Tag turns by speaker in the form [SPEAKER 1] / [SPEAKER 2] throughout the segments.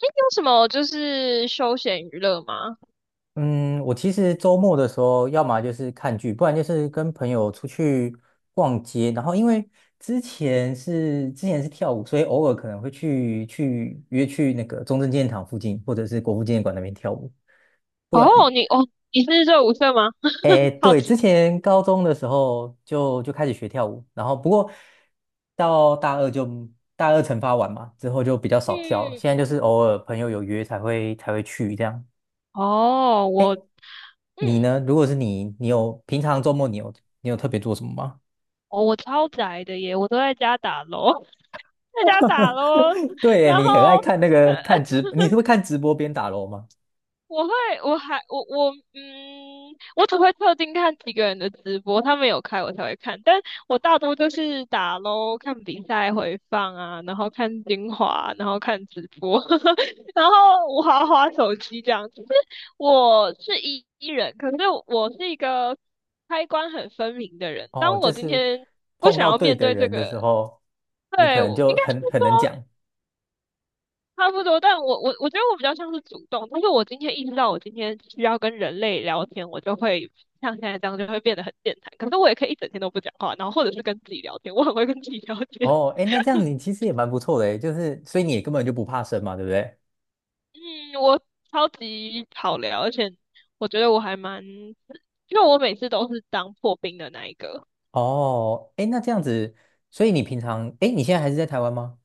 [SPEAKER 1] 有什么就是休闲娱乐吗？
[SPEAKER 2] 嗯，我其实周末的时候，要么就是看剧，不然就是跟朋友出去逛街。然后因为之前是跳舞，所以偶尔可能会去约去那个中正纪念堂附近，或者是国父纪念馆那边跳舞。不然，
[SPEAKER 1] 哦，你是热舞社吗？
[SPEAKER 2] 哎，
[SPEAKER 1] 好
[SPEAKER 2] 对，
[SPEAKER 1] 奇。
[SPEAKER 2] 之前高中的时候就开始学跳舞，然后不过到大二就大二惩罚完嘛，之后就比较少跳。现在
[SPEAKER 1] 嗯，
[SPEAKER 2] 就是偶尔朋友有约才会去这样。
[SPEAKER 1] 哦，
[SPEAKER 2] 你
[SPEAKER 1] 嗯，
[SPEAKER 2] 呢？如果是你，平常周末你有特别做什么吗？
[SPEAKER 1] 哦，我超宅的耶，我都在家打楼，在家打楼，
[SPEAKER 2] 对耶，
[SPEAKER 1] 然
[SPEAKER 2] 你很爱
[SPEAKER 1] 后
[SPEAKER 2] 看那个看直，你是会 看直播边打楼吗？
[SPEAKER 1] 我会，我还，我我，嗯，我只会特定看几个人的直播，他们有开我才会看，但我大多就是打喽，看比赛回放啊，然后看精华，然后看直播，然后我滑滑手机这样。就是我是一人，可是我是一个开关很分明的人。
[SPEAKER 2] 哦，
[SPEAKER 1] 当
[SPEAKER 2] 就
[SPEAKER 1] 我今
[SPEAKER 2] 是
[SPEAKER 1] 天不
[SPEAKER 2] 碰
[SPEAKER 1] 想
[SPEAKER 2] 到
[SPEAKER 1] 要
[SPEAKER 2] 对
[SPEAKER 1] 面
[SPEAKER 2] 的
[SPEAKER 1] 对这
[SPEAKER 2] 人的时
[SPEAKER 1] 个，
[SPEAKER 2] 候，你可
[SPEAKER 1] 对，
[SPEAKER 2] 能
[SPEAKER 1] 我应
[SPEAKER 2] 就
[SPEAKER 1] 该是
[SPEAKER 2] 很能
[SPEAKER 1] 说。
[SPEAKER 2] 讲。
[SPEAKER 1] 差不多，但我觉得我比较像是主动，但是我今天意识到我今天需要跟人类聊天，我就会像现在这样就会变得很健谈。可是我也可以一整天都不讲话，然后或者是跟自己聊天，我很会跟自己聊天。
[SPEAKER 2] 哦，哎，那这样 你其实也蛮不错的诶，就是所以你也根本就不怕生嘛，对不对？
[SPEAKER 1] 嗯，我超级好聊，而且我觉得我还蛮，因为我每次都是当破冰的那一个。
[SPEAKER 2] 哦，哎，那这样子，所以你平常，哎，你现在还是在台湾吗？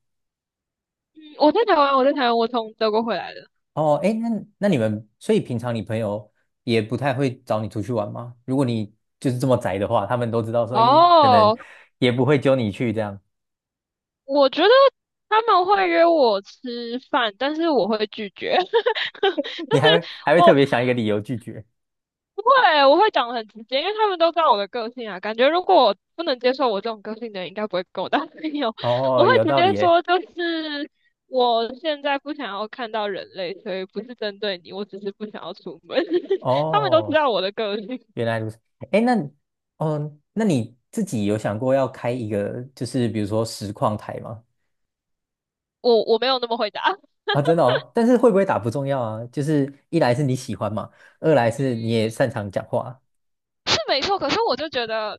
[SPEAKER 1] 嗯，我在台湾，我在台湾，我从德国回来的。
[SPEAKER 2] 哦，哎，那你们，所以平常你朋友也不太会找你出去玩吗？如果你就是这么宅的话，他们都知道说，咦，可能
[SPEAKER 1] 哦，
[SPEAKER 2] 也不会揪你去这样，
[SPEAKER 1] 我觉得他们会约我吃饭，但是我会拒绝。就
[SPEAKER 2] 你还
[SPEAKER 1] 是
[SPEAKER 2] 会还会特
[SPEAKER 1] 我
[SPEAKER 2] 别想一个理由拒绝。
[SPEAKER 1] 不会，我会讲得很直接，因为他们都知道我的个性啊。感觉如果我不能接受我这种个性的人，应该不会跟我当朋友。我
[SPEAKER 2] 哦，
[SPEAKER 1] 会
[SPEAKER 2] 有
[SPEAKER 1] 直
[SPEAKER 2] 道理
[SPEAKER 1] 接
[SPEAKER 2] 耶。
[SPEAKER 1] 说，就是我现在不想要看到人类，所以不是针对你，我只是不想要出门。他们都知
[SPEAKER 2] 哦，
[SPEAKER 1] 道我的个性，
[SPEAKER 2] 原来如此。哎，那哦，那你自己有想过要开一个，就是比如说实况台吗？
[SPEAKER 1] 我没有那么回答。
[SPEAKER 2] 啊，真的哦，但是会不会打不重要啊，就是一来是你喜欢嘛，二来是你也
[SPEAKER 1] 嗯，
[SPEAKER 2] 擅长讲话。
[SPEAKER 1] 是没错，可是我就觉得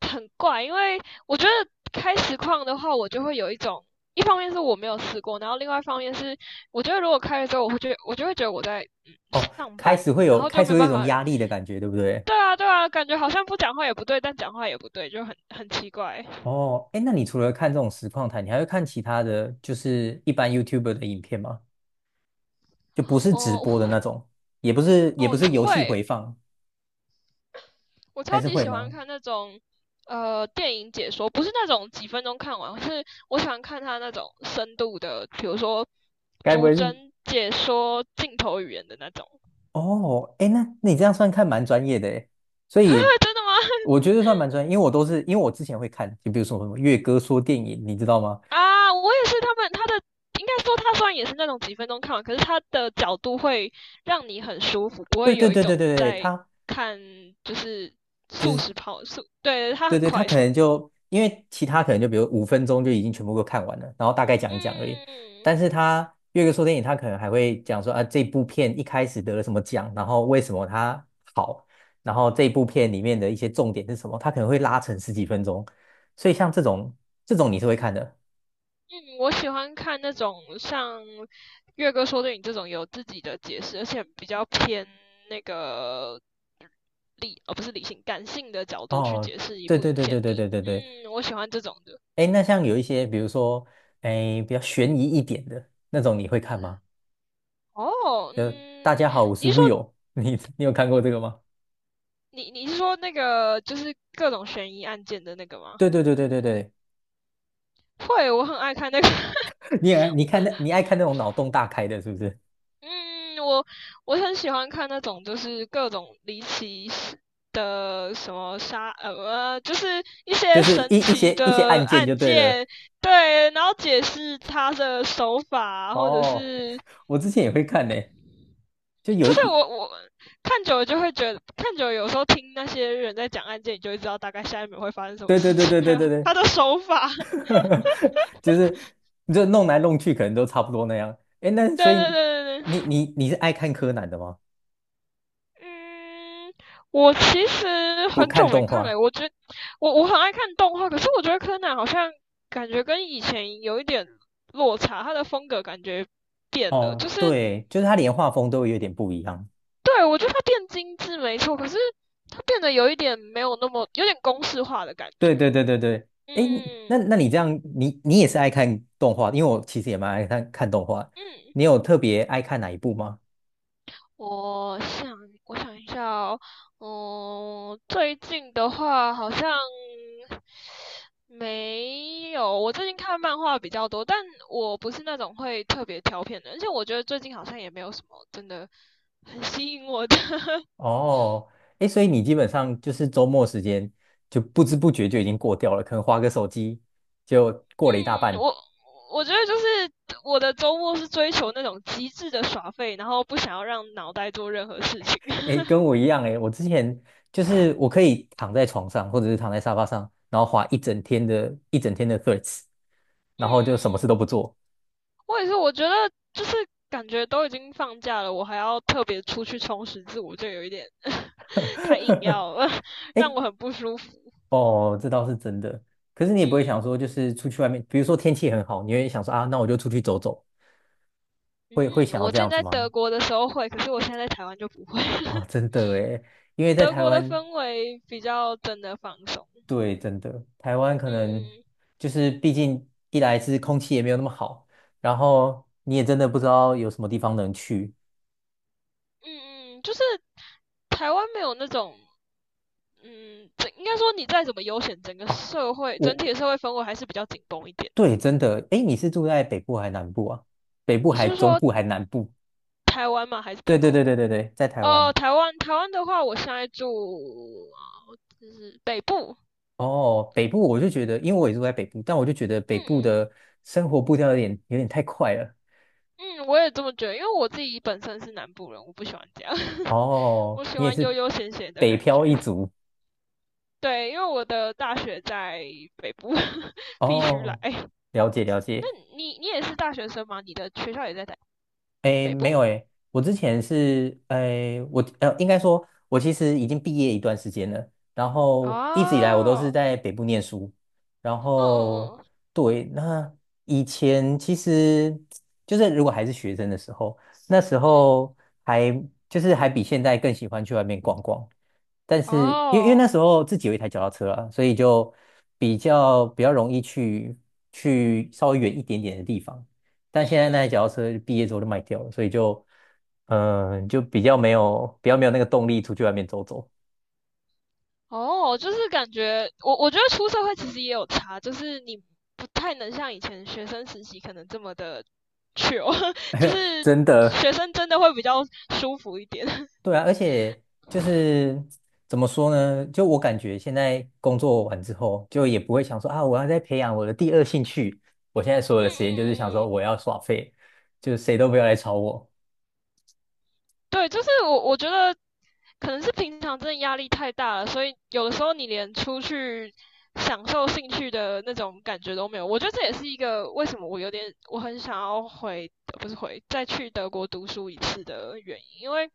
[SPEAKER 1] 很怪，因为我觉得开实况的话，我就会有一种，一方面是我没有试过，然后另外一方面是，我觉得如果开了之后，我就会觉得我在、
[SPEAKER 2] 哦，
[SPEAKER 1] 上
[SPEAKER 2] 开
[SPEAKER 1] 班，
[SPEAKER 2] 始会
[SPEAKER 1] 然
[SPEAKER 2] 有
[SPEAKER 1] 后就
[SPEAKER 2] 开
[SPEAKER 1] 没
[SPEAKER 2] 始
[SPEAKER 1] 有
[SPEAKER 2] 会有一
[SPEAKER 1] 办
[SPEAKER 2] 种
[SPEAKER 1] 法。
[SPEAKER 2] 压力的感觉，对不对？
[SPEAKER 1] 对啊，对啊，感觉好像不讲话也不对，但讲话也不对，就很奇怪。
[SPEAKER 2] 哦，哎，那你除了看这种实况台，你还会看其他的就是一般 YouTuber 的影片吗？就不是直
[SPEAKER 1] 哦、
[SPEAKER 2] 播的
[SPEAKER 1] 我
[SPEAKER 2] 那种，也不是也不
[SPEAKER 1] 哦，
[SPEAKER 2] 是游戏
[SPEAKER 1] 会，
[SPEAKER 2] 回放，
[SPEAKER 1] 我
[SPEAKER 2] 还
[SPEAKER 1] 超
[SPEAKER 2] 是
[SPEAKER 1] 级
[SPEAKER 2] 会
[SPEAKER 1] 喜欢
[SPEAKER 2] 吗？
[SPEAKER 1] 看那种电影解说，不是那种几分钟看完，是我喜欢看他那种深度的，比如说
[SPEAKER 2] 该不
[SPEAKER 1] 逐
[SPEAKER 2] 会是
[SPEAKER 1] 帧解说镜头语言的那种。
[SPEAKER 2] 哦，哎，那你这样算看蛮专业的哎，所
[SPEAKER 1] 真
[SPEAKER 2] 以
[SPEAKER 1] 的吗？
[SPEAKER 2] 我觉得算蛮专业，因为我之前会看，就比如说什么《月哥说电影》，你知道吗？
[SPEAKER 1] 啊，我也是。他的应该说他虽然也是那种几分钟看完，可是他的角度会让你很舒服，不
[SPEAKER 2] 对
[SPEAKER 1] 会
[SPEAKER 2] 对
[SPEAKER 1] 有一
[SPEAKER 2] 对对
[SPEAKER 1] 种
[SPEAKER 2] 对对，
[SPEAKER 1] 在
[SPEAKER 2] 他
[SPEAKER 1] 看就是
[SPEAKER 2] 就
[SPEAKER 1] 速
[SPEAKER 2] 是
[SPEAKER 1] 食跑速，对，他
[SPEAKER 2] 对
[SPEAKER 1] 很
[SPEAKER 2] 对，他
[SPEAKER 1] 快
[SPEAKER 2] 可能
[SPEAKER 1] 速。
[SPEAKER 2] 就因为其他可能就比如5分钟就已经全部都看完了，然后大概讲一讲而已。
[SPEAKER 1] 嗯。
[SPEAKER 2] 但是他越个说电影，他可能还会讲说啊，这部片一开始得了什么奖，然后为什么它好，然后这部片里面的一些重点是什么，他可能会拉成10几分钟。所以像这种你是会看的
[SPEAKER 1] 嗯，我喜欢看那种像月哥说的你这种有自己的解释，而且比较偏那个理，哦，不是理性，感性的角度去
[SPEAKER 2] 哦。
[SPEAKER 1] 解释一
[SPEAKER 2] 对
[SPEAKER 1] 部影
[SPEAKER 2] 对对
[SPEAKER 1] 片
[SPEAKER 2] 对
[SPEAKER 1] 的。
[SPEAKER 2] 对对对对，
[SPEAKER 1] 嗯，我喜欢这种的。
[SPEAKER 2] 哎，那像有一些比如说哎比较悬疑一点的那种，你会看吗？
[SPEAKER 1] 哦，
[SPEAKER 2] 就大
[SPEAKER 1] 嗯，
[SPEAKER 2] 家好，我是
[SPEAKER 1] 你是说
[SPEAKER 2] Will，你有看过这个吗？
[SPEAKER 1] 你是说那个就是各种悬疑案件的那个吗？
[SPEAKER 2] 对对对对对对，
[SPEAKER 1] 会，我很爱看那个。
[SPEAKER 2] 你爱看那种脑洞大开的，是不是？
[SPEAKER 1] 嗯，我很喜欢看那种就是各种离奇事的什么杀,就是一
[SPEAKER 2] 就
[SPEAKER 1] 些
[SPEAKER 2] 是一
[SPEAKER 1] 神
[SPEAKER 2] 一
[SPEAKER 1] 奇
[SPEAKER 2] 些一些
[SPEAKER 1] 的
[SPEAKER 2] 案件就
[SPEAKER 1] 案
[SPEAKER 2] 对了。
[SPEAKER 1] 件，对，然后解释他的手法，或者
[SPEAKER 2] 哦，
[SPEAKER 1] 是
[SPEAKER 2] 我之前也会看呢、就有
[SPEAKER 1] 就是
[SPEAKER 2] 一
[SPEAKER 1] 我看久了就会觉得，看久了有时候听那些人在讲案件，你就会知道大概下一秒会发生什么
[SPEAKER 2] 对对
[SPEAKER 1] 事
[SPEAKER 2] 对
[SPEAKER 1] 情，
[SPEAKER 2] 对
[SPEAKER 1] 还
[SPEAKER 2] 对
[SPEAKER 1] 有
[SPEAKER 2] 对
[SPEAKER 1] 他
[SPEAKER 2] 对，
[SPEAKER 1] 的手法，
[SPEAKER 2] 就是就弄来弄去，可能都差不多那样。哎，那 所
[SPEAKER 1] 对
[SPEAKER 2] 以
[SPEAKER 1] 对对对
[SPEAKER 2] 你
[SPEAKER 1] 对。
[SPEAKER 2] 你你是爱看柯南的吗？
[SPEAKER 1] 嗯，我其实
[SPEAKER 2] 不
[SPEAKER 1] 很久
[SPEAKER 2] 看
[SPEAKER 1] 没
[SPEAKER 2] 动
[SPEAKER 1] 看了，
[SPEAKER 2] 画？
[SPEAKER 1] 我觉我我很爱看动画，可是我觉得柯南好像感觉跟以前有一点落差，他的风格感觉变了，
[SPEAKER 2] 哦，
[SPEAKER 1] 就是
[SPEAKER 2] 对，就是他连画风都有点不一样。
[SPEAKER 1] 对，我觉得他变精致没错，可是他变得有一点没有那么有点公式化的感
[SPEAKER 2] 对
[SPEAKER 1] 觉。
[SPEAKER 2] 对对对对，哎，那
[SPEAKER 1] 嗯
[SPEAKER 2] 那你这样，你也是爱看动画的因为我其实也蛮爱看看动画。
[SPEAKER 1] 嗯。
[SPEAKER 2] 你有特别爱看哪一部吗？
[SPEAKER 1] 我想，我想一下哦，嗯，最近的话好像没有。我最近看漫画比较多，但我不是那种会特别挑片的，而且我觉得最近好像也没有什么真的很吸引我的。
[SPEAKER 2] 哦，哎，所以你基本上就是周末时间就不知不觉就已经过掉了，可能划个手机就过了一大
[SPEAKER 1] 嗯，
[SPEAKER 2] 半。
[SPEAKER 1] 我觉得就是我的周末是追求那种极致的耍废，然后不想要让脑袋做任何事情。
[SPEAKER 2] 哎，跟我一样哎，我之前就是我可以躺在床上或者是躺在沙发上，然后划一整天的 Threads，
[SPEAKER 1] 嗯
[SPEAKER 2] 然后就什么
[SPEAKER 1] 嗯。
[SPEAKER 2] 事都不做。
[SPEAKER 1] 我也是，我觉得就是感觉都已经放假了，我还要特别出去充实自我，就有一点 太硬 要了，让
[SPEAKER 2] 哎
[SPEAKER 1] 我很不舒服。
[SPEAKER 2] 哦，这倒是真的。可是你也不会
[SPEAKER 1] 嗯
[SPEAKER 2] 想说，就是出去外面，比如说天气很好，你会想说啊，那我就出去走走，会
[SPEAKER 1] 嗯嗯，
[SPEAKER 2] 想要
[SPEAKER 1] 我
[SPEAKER 2] 这
[SPEAKER 1] 之前
[SPEAKER 2] 样子
[SPEAKER 1] 在德
[SPEAKER 2] 吗？
[SPEAKER 1] 国的时候会，可是我现在在台湾就不会。
[SPEAKER 2] 哦，真的诶，因为在
[SPEAKER 1] 德
[SPEAKER 2] 台
[SPEAKER 1] 国的
[SPEAKER 2] 湾，
[SPEAKER 1] 氛围比较真的放松。
[SPEAKER 2] 对，真的，台湾可能
[SPEAKER 1] 嗯嗯
[SPEAKER 2] 就是毕竟一来是空气也没有那么好，然后你也真的不知道有什么地方能去
[SPEAKER 1] 嗯嗯，就是台湾没有那种。嗯，这应该说你再怎么悠闲，整个
[SPEAKER 2] 哦。
[SPEAKER 1] 社会整
[SPEAKER 2] 我
[SPEAKER 1] 体的社会氛围还是比较紧绷一点。
[SPEAKER 2] 对，真的，诶，你是住在北部还是南部啊？北部
[SPEAKER 1] 你
[SPEAKER 2] 还
[SPEAKER 1] 是
[SPEAKER 2] 中
[SPEAKER 1] 说
[SPEAKER 2] 部还南部？
[SPEAKER 1] 台湾吗？还是
[SPEAKER 2] 对
[SPEAKER 1] 德
[SPEAKER 2] 对
[SPEAKER 1] 国？
[SPEAKER 2] 对对对对，在台
[SPEAKER 1] 哦，
[SPEAKER 2] 湾。
[SPEAKER 1] 台湾的话，我现在住就是北部，
[SPEAKER 2] 哦，北部我就觉得，因为我也住在北部，但我就觉得北
[SPEAKER 1] 嗯
[SPEAKER 2] 部
[SPEAKER 1] 嗯
[SPEAKER 2] 的生活步调有点太快了。
[SPEAKER 1] 嗯，我也这么觉得，因为我自己本身是南部人，我不喜欢这样，我
[SPEAKER 2] 哦，
[SPEAKER 1] 喜
[SPEAKER 2] 你也
[SPEAKER 1] 欢悠
[SPEAKER 2] 是
[SPEAKER 1] 悠闲闲的
[SPEAKER 2] 北
[SPEAKER 1] 感
[SPEAKER 2] 漂
[SPEAKER 1] 觉。
[SPEAKER 2] 一族。
[SPEAKER 1] 对，因为我的大学在北部，必须来。
[SPEAKER 2] 哦，了解了
[SPEAKER 1] 那
[SPEAKER 2] 解。
[SPEAKER 1] 你也是大学生吗？你的学校也在
[SPEAKER 2] 诶，
[SPEAKER 1] 北
[SPEAKER 2] 没有
[SPEAKER 1] 部？
[SPEAKER 2] 诶，我之前是诶，应该说，我其实已经毕业一段时间了，然后一直以来我都是
[SPEAKER 1] 哦，
[SPEAKER 2] 在北部念书，然
[SPEAKER 1] 嗯
[SPEAKER 2] 后
[SPEAKER 1] 嗯嗯
[SPEAKER 2] 对，那以前其实就是如果还是学生的时候，那时候还就是还比现在更喜欢去外面逛逛，但
[SPEAKER 1] 嗯，
[SPEAKER 2] 是因为
[SPEAKER 1] 哦，
[SPEAKER 2] 那时候自己有一台脚踏车啊，所以就比较容易去稍微远一点点的地方。但
[SPEAKER 1] 嗯
[SPEAKER 2] 现在那
[SPEAKER 1] 嗯
[SPEAKER 2] 台脚踏
[SPEAKER 1] 嗯。
[SPEAKER 2] 车毕业之后就卖掉了，所以就比较没有那个动力出去外面走走。
[SPEAKER 1] 哦，就是感觉我觉得出社会其实也有差，就是你不太能像以前学生时期可能这么的 chill，就是
[SPEAKER 2] 真的，
[SPEAKER 1] 学生真的会比较舒服一点。嗯
[SPEAKER 2] 对啊，而且就是怎么说呢？就我感觉现在工作完之后，就也不会想说啊，我要再培养我的第二兴趣。我现在所有
[SPEAKER 1] 嗯
[SPEAKER 2] 的时间就是想
[SPEAKER 1] 嗯
[SPEAKER 2] 说
[SPEAKER 1] 嗯。
[SPEAKER 2] 我要耍废，就谁都不要来吵我。
[SPEAKER 1] 对，就是我觉得可能是平常真的压力太大了，所以有的时候你连出去享受兴趣的那种感觉都没有。我觉得这也是一个为什么我有点我很想要回，不是回，再去德国读书一次的原因，因为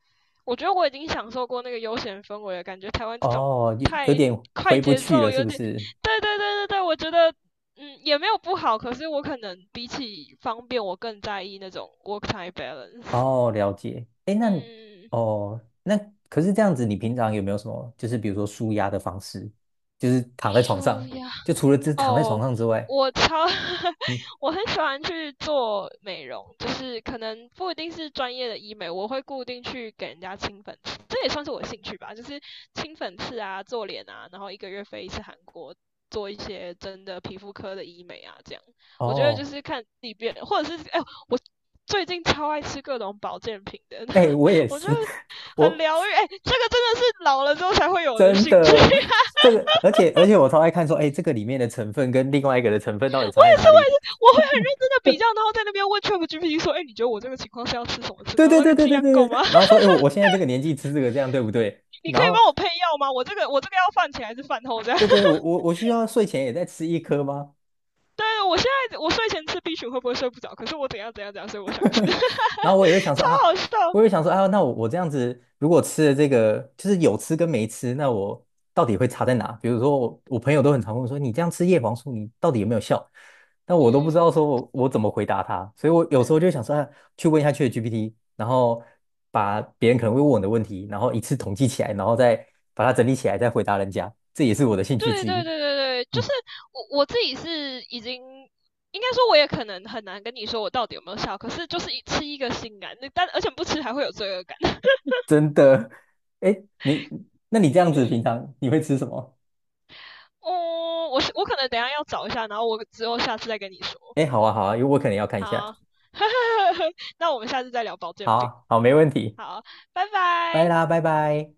[SPEAKER 1] 我觉得我已经享受过那个悠闲氛围了，感觉台湾这种
[SPEAKER 2] 哦，有
[SPEAKER 1] 太
[SPEAKER 2] 有点
[SPEAKER 1] 快
[SPEAKER 2] 回不
[SPEAKER 1] 节
[SPEAKER 2] 去
[SPEAKER 1] 奏
[SPEAKER 2] 了，是
[SPEAKER 1] 有
[SPEAKER 2] 不
[SPEAKER 1] 点，
[SPEAKER 2] 是？
[SPEAKER 1] 对对对对对，我觉得。嗯，也没有不好，可是我可能比起方便，我更在意那种 work-time balance。
[SPEAKER 2] 哦，了解。哎，那
[SPEAKER 1] 嗯，
[SPEAKER 2] 哦，那可是这样子，你平常有没有什么，就是比如说舒压的方式，就是躺在床
[SPEAKER 1] 舒
[SPEAKER 2] 上，
[SPEAKER 1] 压
[SPEAKER 2] 就除了这躺在床
[SPEAKER 1] 哦，
[SPEAKER 2] 上之外，
[SPEAKER 1] 我超
[SPEAKER 2] 你
[SPEAKER 1] 我很喜欢去做美容，就是可能不一定是专业的医美，我会固定去给人家清粉刺，这也算是我的兴趣吧，就是清粉刺啊、做脸啊，然后一个月飞一次韩国，做一些真的皮肤科的医美啊，这样我觉得就
[SPEAKER 2] 哦，
[SPEAKER 1] 是看自己变，或者是哎、我最近超爱吃各种保健品的，
[SPEAKER 2] 哎，我也
[SPEAKER 1] 我觉得
[SPEAKER 2] 是，
[SPEAKER 1] 很
[SPEAKER 2] 我
[SPEAKER 1] 疗愈，哎、这个真的是老了之后才会有的
[SPEAKER 2] 真
[SPEAKER 1] 兴趣。
[SPEAKER 2] 的我这个，而且我超爱看说，哎，这个里面的成分跟另外一个的成分
[SPEAKER 1] 我
[SPEAKER 2] 到底差
[SPEAKER 1] 也
[SPEAKER 2] 在哪
[SPEAKER 1] 是，我
[SPEAKER 2] 里？
[SPEAKER 1] 也 是，我会很认真的比较，然后在那边问 ChatGPT 说，哎、欸你觉得我这个情况是要吃什么吃？
[SPEAKER 2] 对
[SPEAKER 1] 然后
[SPEAKER 2] 对
[SPEAKER 1] 那
[SPEAKER 2] 对
[SPEAKER 1] 个
[SPEAKER 2] 对
[SPEAKER 1] 剂
[SPEAKER 2] 对
[SPEAKER 1] 量
[SPEAKER 2] 对
[SPEAKER 1] 够
[SPEAKER 2] 对。
[SPEAKER 1] 吗？
[SPEAKER 2] 然后说，哎，我现在这个年纪吃这个，这样对不对？
[SPEAKER 1] 你可
[SPEAKER 2] 然
[SPEAKER 1] 以
[SPEAKER 2] 后
[SPEAKER 1] 帮我配药吗？我这个要饭前还是饭后这样？
[SPEAKER 2] 对对，我需要睡前也再吃一颗吗？
[SPEAKER 1] 对，我现在我睡前吃 B 群会不会睡不着？可是我怎样怎样怎样，所以我想吃，
[SPEAKER 2] 然后我也会 想说
[SPEAKER 1] 超
[SPEAKER 2] 啊，
[SPEAKER 1] 好笑。
[SPEAKER 2] 我也会想说啊，那我这样子如果吃了这个，就是有吃跟没吃，那我到底会差在哪？比如说我朋友都很常问我说，你这样吃叶黄素，你到底有没有效？但
[SPEAKER 1] 嗯
[SPEAKER 2] 我都不知道
[SPEAKER 1] 嗯，
[SPEAKER 2] 说我怎么回答他，所以我有时候就想说啊，去问一下 ChatGPT，然后把别人可能会问我的问题，然后一次统计起来，然后再把它整理起来，再回答人家，这也是我的兴趣
[SPEAKER 1] 对
[SPEAKER 2] 之
[SPEAKER 1] 对
[SPEAKER 2] 一。
[SPEAKER 1] 对对对，就
[SPEAKER 2] 嗯，
[SPEAKER 1] 是我自己是已经。应该说，我也可能很难跟你说我到底有没有效，可是就是一吃一个心安，那但而且不吃还会有罪恶感。
[SPEAKER 2] 真的。哎，你那你这样子
[SPEAKER 1] 嗯，
[SPEAKER 2] 平常你会吃什么？
[SPEAKER 1] 哦，我可能等一下要找一下，然后我之后下次再跟你说。
[SPEAKER 2] 哎，好啊，好啊，因为我可能要看一下。
[SPEAKER 1] 好，那我们下次再聊保健品。
[SPEAKER 2] 好好，没问题，
[SPEAKER 1] 好，拜拜。
[SPEAKER 2] 拜啦，拜拜。